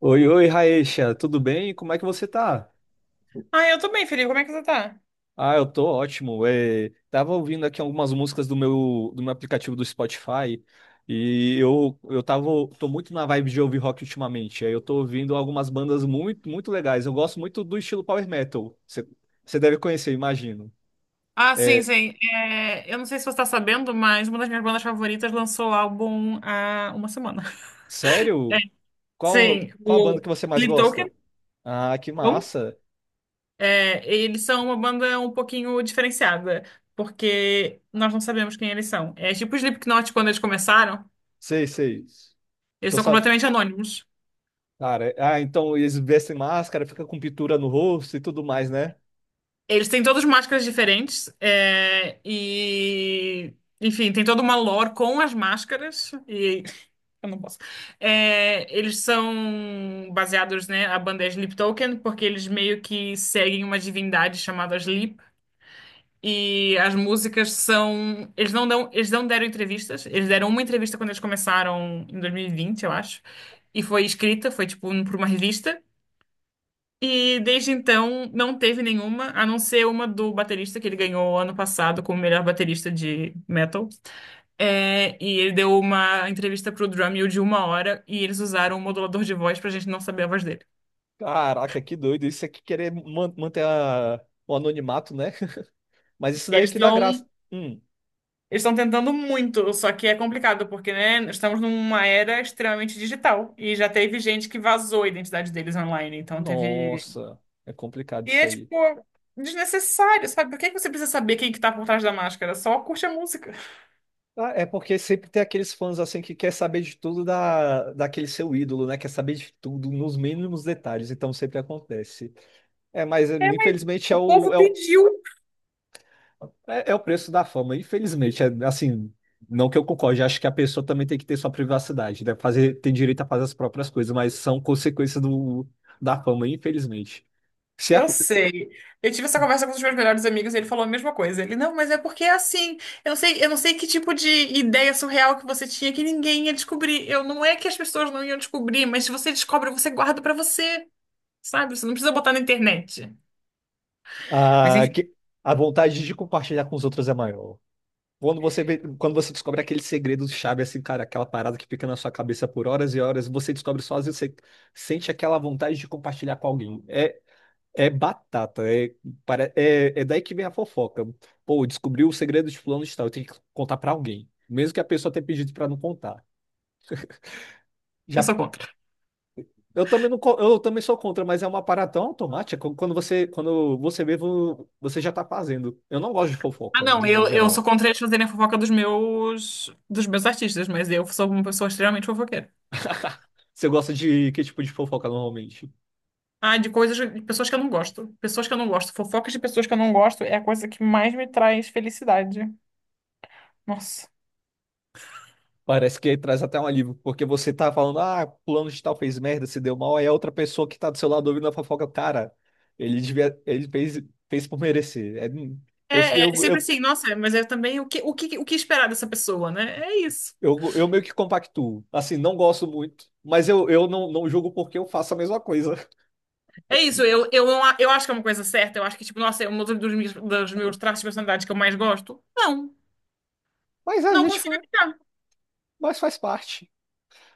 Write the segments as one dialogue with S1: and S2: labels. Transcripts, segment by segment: S1: Oi, oi, Raecha, tudo bem? Como é que você tá?
S2: Ah, eu tô bem, Felipe. Como é que você tá?
S1: Ah, eu tô ótimo. É, tava ouvindo aqui algumas músicas do meu aplicativo do Spotify e eu tava, tô muito na vibe de ouvir rock ultimamente. Aí eu tô ouvindo algumas bandas muito, muito legais. Eu gosto muito do estilo power metal. Você deve conhecer, imagino.
S2: Ah, sim,
S1: É,
S2: sim. É, eu não sei se você está sabendo, mas uma das minhas bandas favoritas lançou o álbum há uma semana.
S1: sério? Qual,
S2: Sim,
S1: qual a banda
S2: o
S1: que você mais
S2: Sleep,
S1: gosta? Ah, que
S2: como?
S1: massa.
S2: É, eles são uma banda um pouquinho diferenciada, porque nós não sabemos quem eles são. É tipo o Slipknot quando eles começaram,
S1: Sei, sei.
S2: eles
S1: Tô
S2: são
S1: sab...
S2: completamente anônimos.
S1: Cara, é, ah, então eles vestem máscara, fica com pintura no rosto e tudo mais, né?
S2: Eles têm todas máscaras diferentes, é, e enfim, tem toda uma lore com as máscaras, e eu não posso. É, eles são baseados, né? A banda é Sleeptoken, porque eles meio que seguem uma divindade chamada Sleep. E as músicas são. Eles não dão, eles não deram entrevistas. Eles deram uma entrevista quando eles começaram em 2020, eu acho. E foi escrita, foi tipo por uma revista. E desde então não teve nenhuma, a não ser uma do baterista que ele ganhou ano passado como melhor baterista de metal. É, e ele deu uma entrevista pro Drumeo de uma hora e eles usaram um modulador de voz pra gente não saber a voz dele.
S1: Caraca, que doido. Isso aqui querer manter o anonimato, né? Mas isso daí
S2: Eles
S1: que dá
S2: estão
S1: graça. Hum,
S2: eles estão tentando muito, só que é complicado, porque, né, estamos numa era extremamente digital e já teve gente que vazou a identidade deles online, então teve.
S1: nossa, é complicado
S2: E
S1: isso
S2: é,
S1: aí.
S2: tipo, desnecessário, sabe? Por que que você precisa saber quem que tá por trás da máscara? Só curte a música.
S1: Ah, é porque sempre tem aqueles fãs assim que quer saber de tudo daquele seu ídolo, né? Quer saber de tudo nos mínimos detalhes, então sempre acontece. É, mas
S2: É, mas
S1: infelizmente
S2: o povo
S1: é o
S2: pediu.
S1: É, é o preço da fama, infelizmente. É, assim, não que eu concorde, acho que a pessoa também tem que ter sua privacidade, né? Fazer, tem direito a fazer as próprias coisas, mas são consequências da fama, infelizmente. Se a,
S2: Eu sei. Eu tive essa conversa com um dos meus melhores amigos e ele falou a mesma coisa. Ele, não, mas é porque é assim. Eu não sei que tipo de ideia surreal que você tinha que ninguém ia descobrir. Eu não é que as pessoas não iam descobrir, mas se você descobre, você guarda pra você, sabe? Você não precisa botar na internet. Mas
S1: a,
S2: enfim,
S1: que- a vontade de compartilhar com os outros é maior. Quando quando você descobre aquele segredo chave, assim, cara, aquela parada que fica na sua cabeça por horas e horas, você descobre sozinho, você sente aquela vontade de compartilhar com alguém. É, É batata, é daí que vem a fofoca. Pô, descobriu o segredo de fulano de tal, eu tenho que contar pra alguém, mesmo que a pessoa tenha pedido pra não contar.
S2: eu
S1: Já,
S2: sou contra.
S1: eu também não, co- eu também sou contra, mas é uma parada tão automática quando você, quando você vê, vo- você já tá fazendo. Eu não gosto de
S2: Ah,
S1: fofoca,
S2: não,
S1: de modo
S2: eu sou
S1: geral.
S2: contra eles fazerem a fofoca dos meus artistas, mas eu sou uma pessoa extremamente fofoqueira.
S1: Você gosta de que tipo de fofoca normalmente?
S2: Ah, de coisas, de pessoas que eu não gosto. Pessoas que eu não gosto. Fofocas de pessoas que eu não gosto é a coisa que mais me traz felicidade. Nossa.
S1: Parece que traz até um alívio, porque você tá falando, ah, plano de tal fez merda, se deu mal, aí a outra pessoa que tá do seu lado ouvindo a fofoca, cara, ele devia, ele fez, fez por merecer. É,
S2: É,
S1: eu,
S2: é
S1: eu,
S2: sempre
S1: eu,
S2: assim, nossa, mas é também o que esperar dessa pessoa, né? É isso.
S1: eu meio que compactuo. Assim, não gosto muito, mas eu não, não julgo porque eu faço a mesma coisa.
S2: É isso, eu não, eu acho que é uma coisa certa, eu acho que, tipo, nossa, é um dos meus traços de personalidade que eu mais gosto. Não,
S1: Mas a
S2: não
S1: gente
S2: consigo
S1: faz,
S2: evitar.
S1: mas faz parte,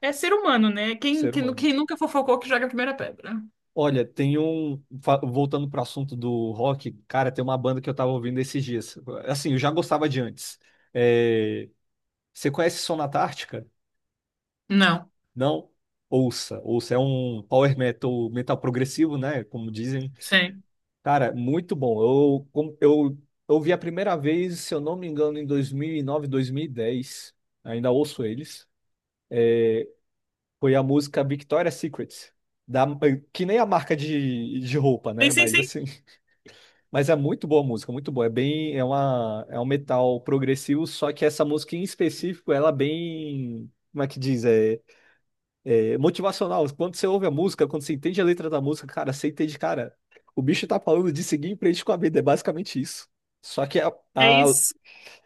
S2: É ser humano, né? Quem,
S1: ser
S2: quem, nu-
S1: humano.
S2: quem nunca fofocou que joga a primeira pedra.
S1: Olha, voltando pro assunto do rock, cara, tem uma banda que eu tava ouvindo esses dias. Assim, eu já gostava de antes. É, você conhece Sonata Ártica?
S2: Não,
S1: Não, ouça, ouça, é um power metal, metal progressivo, né? Como dizem.
S2: sim.
S1: Cara, muito bom. Eu a primeira vez, se eu não me engano, em dois mil e 9, 2010. Ainda ouço eles. Foi a música Victoria's Secret. Da, que nem a marca de roupa, né?
S2: Sim, sim,
S1: Mas
S2: sim.
S1: assim, mas é muito boa a música, muito boa. É bem, é um metal progressivo, só que essa música em específico, ela é bem, como é que diz? É. É motivacional. Quando você ouve a música, quando você entende a letra da música, cara, você entende, cara, o bicho tá falando de seguir em frente com a vida, é basicamente isso. Só que
S2: É
S1: a,
S2: isso.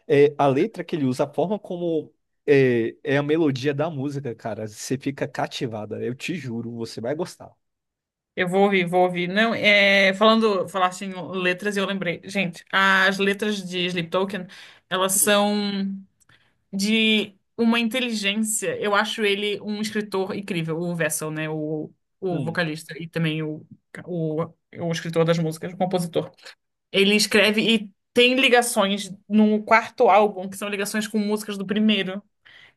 S1: é, a letra que ele usa, a forma como é, é a melodia da música, cara, você fica cativada. Eu te juro, você vai gostar.
S2: Eu vou ouvir, vou ouvir. Não, é, falando, falaste em letras e eu lembrei. Gente, as letras de Sleep Token, elas
S1: Hum,
S2: são de uma inteligência. Eu acho ele um escritor incrível, o Vessel, né? O o
S1: hum.
S2: vocalista e também o, o escritor das músicas, o compositor. Ele escreve e tem ligações no quarto álbum, que são ligações com músicas do primeiro,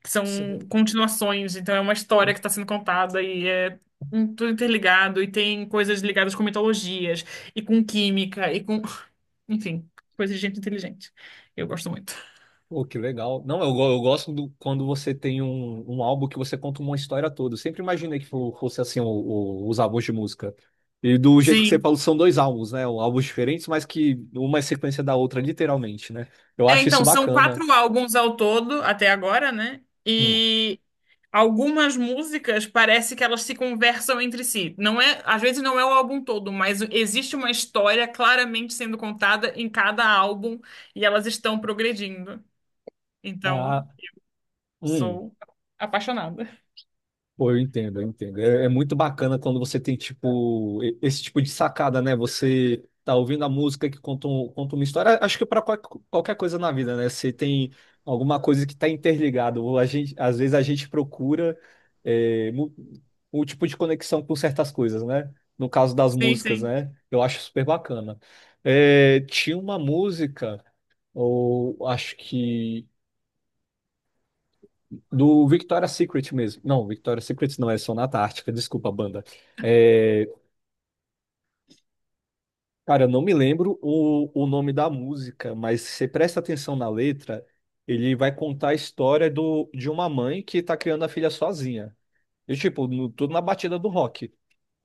S2: que são
S1: Sério.
S2: continuações, então é uma história que está sendo contada e é tudo interligado, e tem coisas ligadas com mitologias, e com química, e com. Enfim, coisa de gente inteligente. Eu gosto muito.
S1: Pô, que legal. Não, eu gosto do, quando você tem um álbum que você conta uma história toda. Eu sempre imaginei fosse assim os álbuns de música. E do jeito que você
S2: Sim.
S1: falou, são dois álbuns, né? Álbuns diferentes, mas que uma é sequência da outra, literalmente, né? Eu
S2: É,
S1: acho isso
S2: então, são
S1: bacana.
S2: quatro álbuns ao todo, até agora, né?
S1: Hum.
S2: E algumas músicas parece que elas se conversam entre si. Não é, às vezes não é o álbum todo, mas existe uma história claramente sendo contada em cada álbum e elas estão progredindo. Então,
S1: Ah, hum.
S2: sou apaixonada.
S1: Pô, eu entendo, eu entendo. É, é muito bacana quando você tem, tipo, esse tipo de sacada, né? Você tá ouvindo a música conta uma história. Acho que para qualquer coisa na vida, né? Você tem alguma coisa que tá interligado. Ou a gente, às vezes a gente procura é, mu- um tipo de conexão com certas coisas, né? No caso das
S2: Sim,
S1: músicas,
S2: sim.
S1: né? Eu acho super bacana. É, tinha uma música, ou acho que. Do Victoria's Secret mesmo. Não, Victoria's Secret não, é Sonata Ártica, desculpa, banda. É, cara, eu não me lembro o nome da música, mas se você presta atenção na letra, ele vai contar a história de uma mãe que tá criando a filha sozinha. E, tipo, tudo na batida do rock.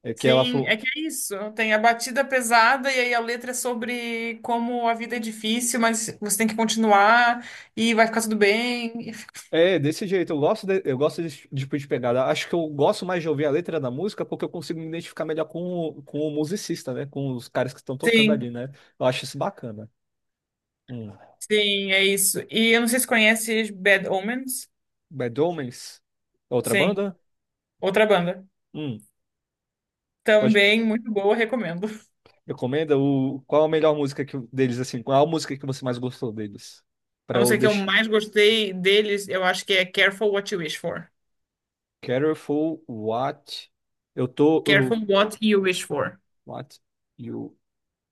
S1: É que ela
S2: Sim,
S1: falou.
S2: é que é isso. Tem a batida pesada e aí a letra é sobre como a vida é difícil, mas você tem que continuar e vai ficar tudo bem.
S1: É, desse jeito, eu gosto de, eu gosto desse tipo de pegada. Acho que eu gosto mais de ouvir a letra da música porque eu consigo me identificar melhor com o musicista, né? Com os caras que estão tocando ali,
S2: Sim.
S1: né? Eu acho isso bacana. Hum.
S2: Sim, é isso. E eu não sei se conhece Bad Omens.
S1: Bad Omens? É outra
S2: Sim,
S1: banda?
S2: outra banda.
S1: Hum, pode.
S2: Também muito boa, recomendo.
S1: Recomenda o. Qual a melhor música que... deles, assim? Qual a música que você mais gostou deles?
S2: A
S1: Pra eu
S2: música que eu
S1: deixar.
S2: mais gostei deles, eu acho que é Careful What You Wish For.
S1: Careful what eu tô.
S2: Careful
S1: eu-
S2: What You Wish For.
S1: What you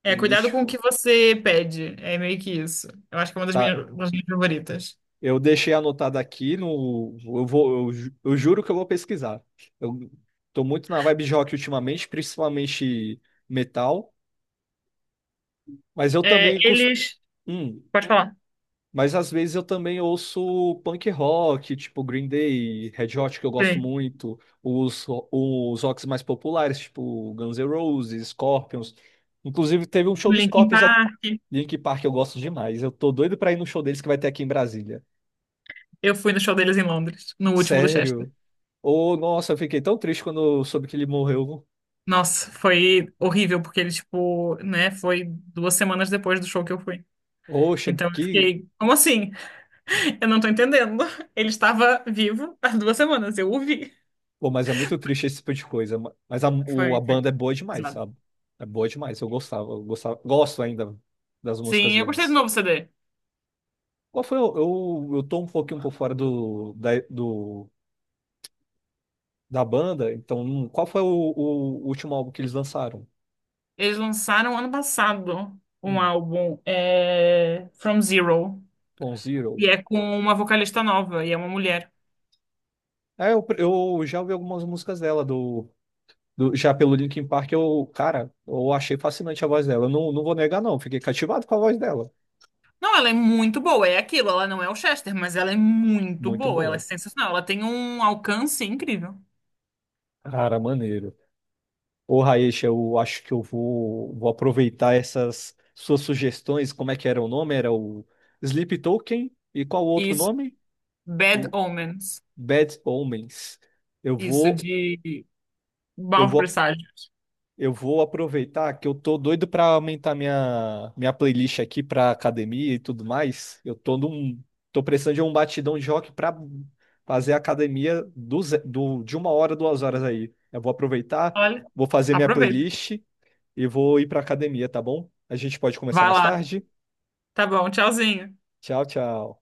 S2: É,
S1: wish
S2: cuidado com o
S1: for.
S2: que você pede. É meio que isso. Eu acho que é uma das
S1: Tá.
S2: minhas, uma das minhas favoritas.
S1: Eu deixei anotado aqui no. Eu vou. Eu juro que eu vou pesquisar. Eu tô muito na vibe de rock ultimamente, principalmente metal. Mas eu
S2: É,
S1: também costumo.
S2: eles. Pode falar.
S1: Mas às vezes eu também ouço punk rock, tipo Green Day, Red Hot, que eu gosto
S2: Sim.
S1: muito, os rocks mais populares, tipo Guns N' Roses, Scorpions. Inclusive, teve um show do
S2: Linkin
S1: Scorpions aqui
S2: Park.
S1: em Linkin Park, eu gosto demais. Eu tô doido pra ir no show deles que vai ter aqui em Brasília.
S2: Eu fui no show deles em Londres, no último do Chester.
S1: Sério? Ô, nossa, eu fiquei tão triste quando eu soube que ele morreu.
S2: Nossa, foi horrível, porque ele, tipo, né, foi 2 semanas depois do show que eu fui.
S1: Oxa,
S2: Então eu
S1: que.
S2: fiquei, como assim? Eu não tô entendendo. Ele estava vivo há 2 semanas, eu ouvi.
S1: Pô, mas é muito triste esse tipo de coisa. Mas
S2: Foi,
S1: a
S2: foi
S1: banda é boa demais,
S2: pesado.
S1: sabe? É boa demais. Eu gostava, gosto ainda das músicas
S2: Sim, eu gostei do
S1: deles.
S2: novo CD.
S1: Qual foi o, eu tô um pouquinho por fora da banda, então qual foi o último álbum que eles lançaram?
S2: Eles lançaram ano passado um
S1: Hum,
S2: álbum, é, From Zero,
S1: Bon Zero.
S2: e é com uma vocalista nova, e é uma mulher.
S1: É, eu já ouvi algumas músicas dela, já pelo Linkin Park, eu, cara, eu achei fascinante a voz dela. Eu não, não vou negar, não, fiquei cativado com a voz dela.
S2: Não, ela é muito boa, é aquilo, ela não é o Chester, mas ela é muito
S1: Muito
S2: boa, ela é
S1: boa.
S2: sensacional, ela tem um alcance incrível.
S1: Cara, maneiro. Ô, Raíssa, eu acho que vou aproveitar essas suas sugestões. Como é que era o nome? Era o Sleep Token e qual o outro
S2: Isso,
S1: nome?
S2: Bad Omens,
S1: Bad Omens. Eu
S2: isso
S1: vou,
S2: de
S1: eu
S2: maus
S1: vou,
S2: presságios.
S1: eu vou aproveitar que eu tô doido pra aumentar minha playlist aqui pra academia e tudo mais. Tô precisando de um batidão de rock pra fazer a academia de 1 hora, 2 horas aí. Eu vou aproveitar,
S2: Olha,
S1: vou fazer minha
S2: aproveita.
S1: playlist e vou ir pra academia, tá bom? A gente pode começar
S2: Vai
S1: mais
S2: lá.
S1: tarde.
S2: Tá bom, tchauzinho.
S1: Tchau, tchau.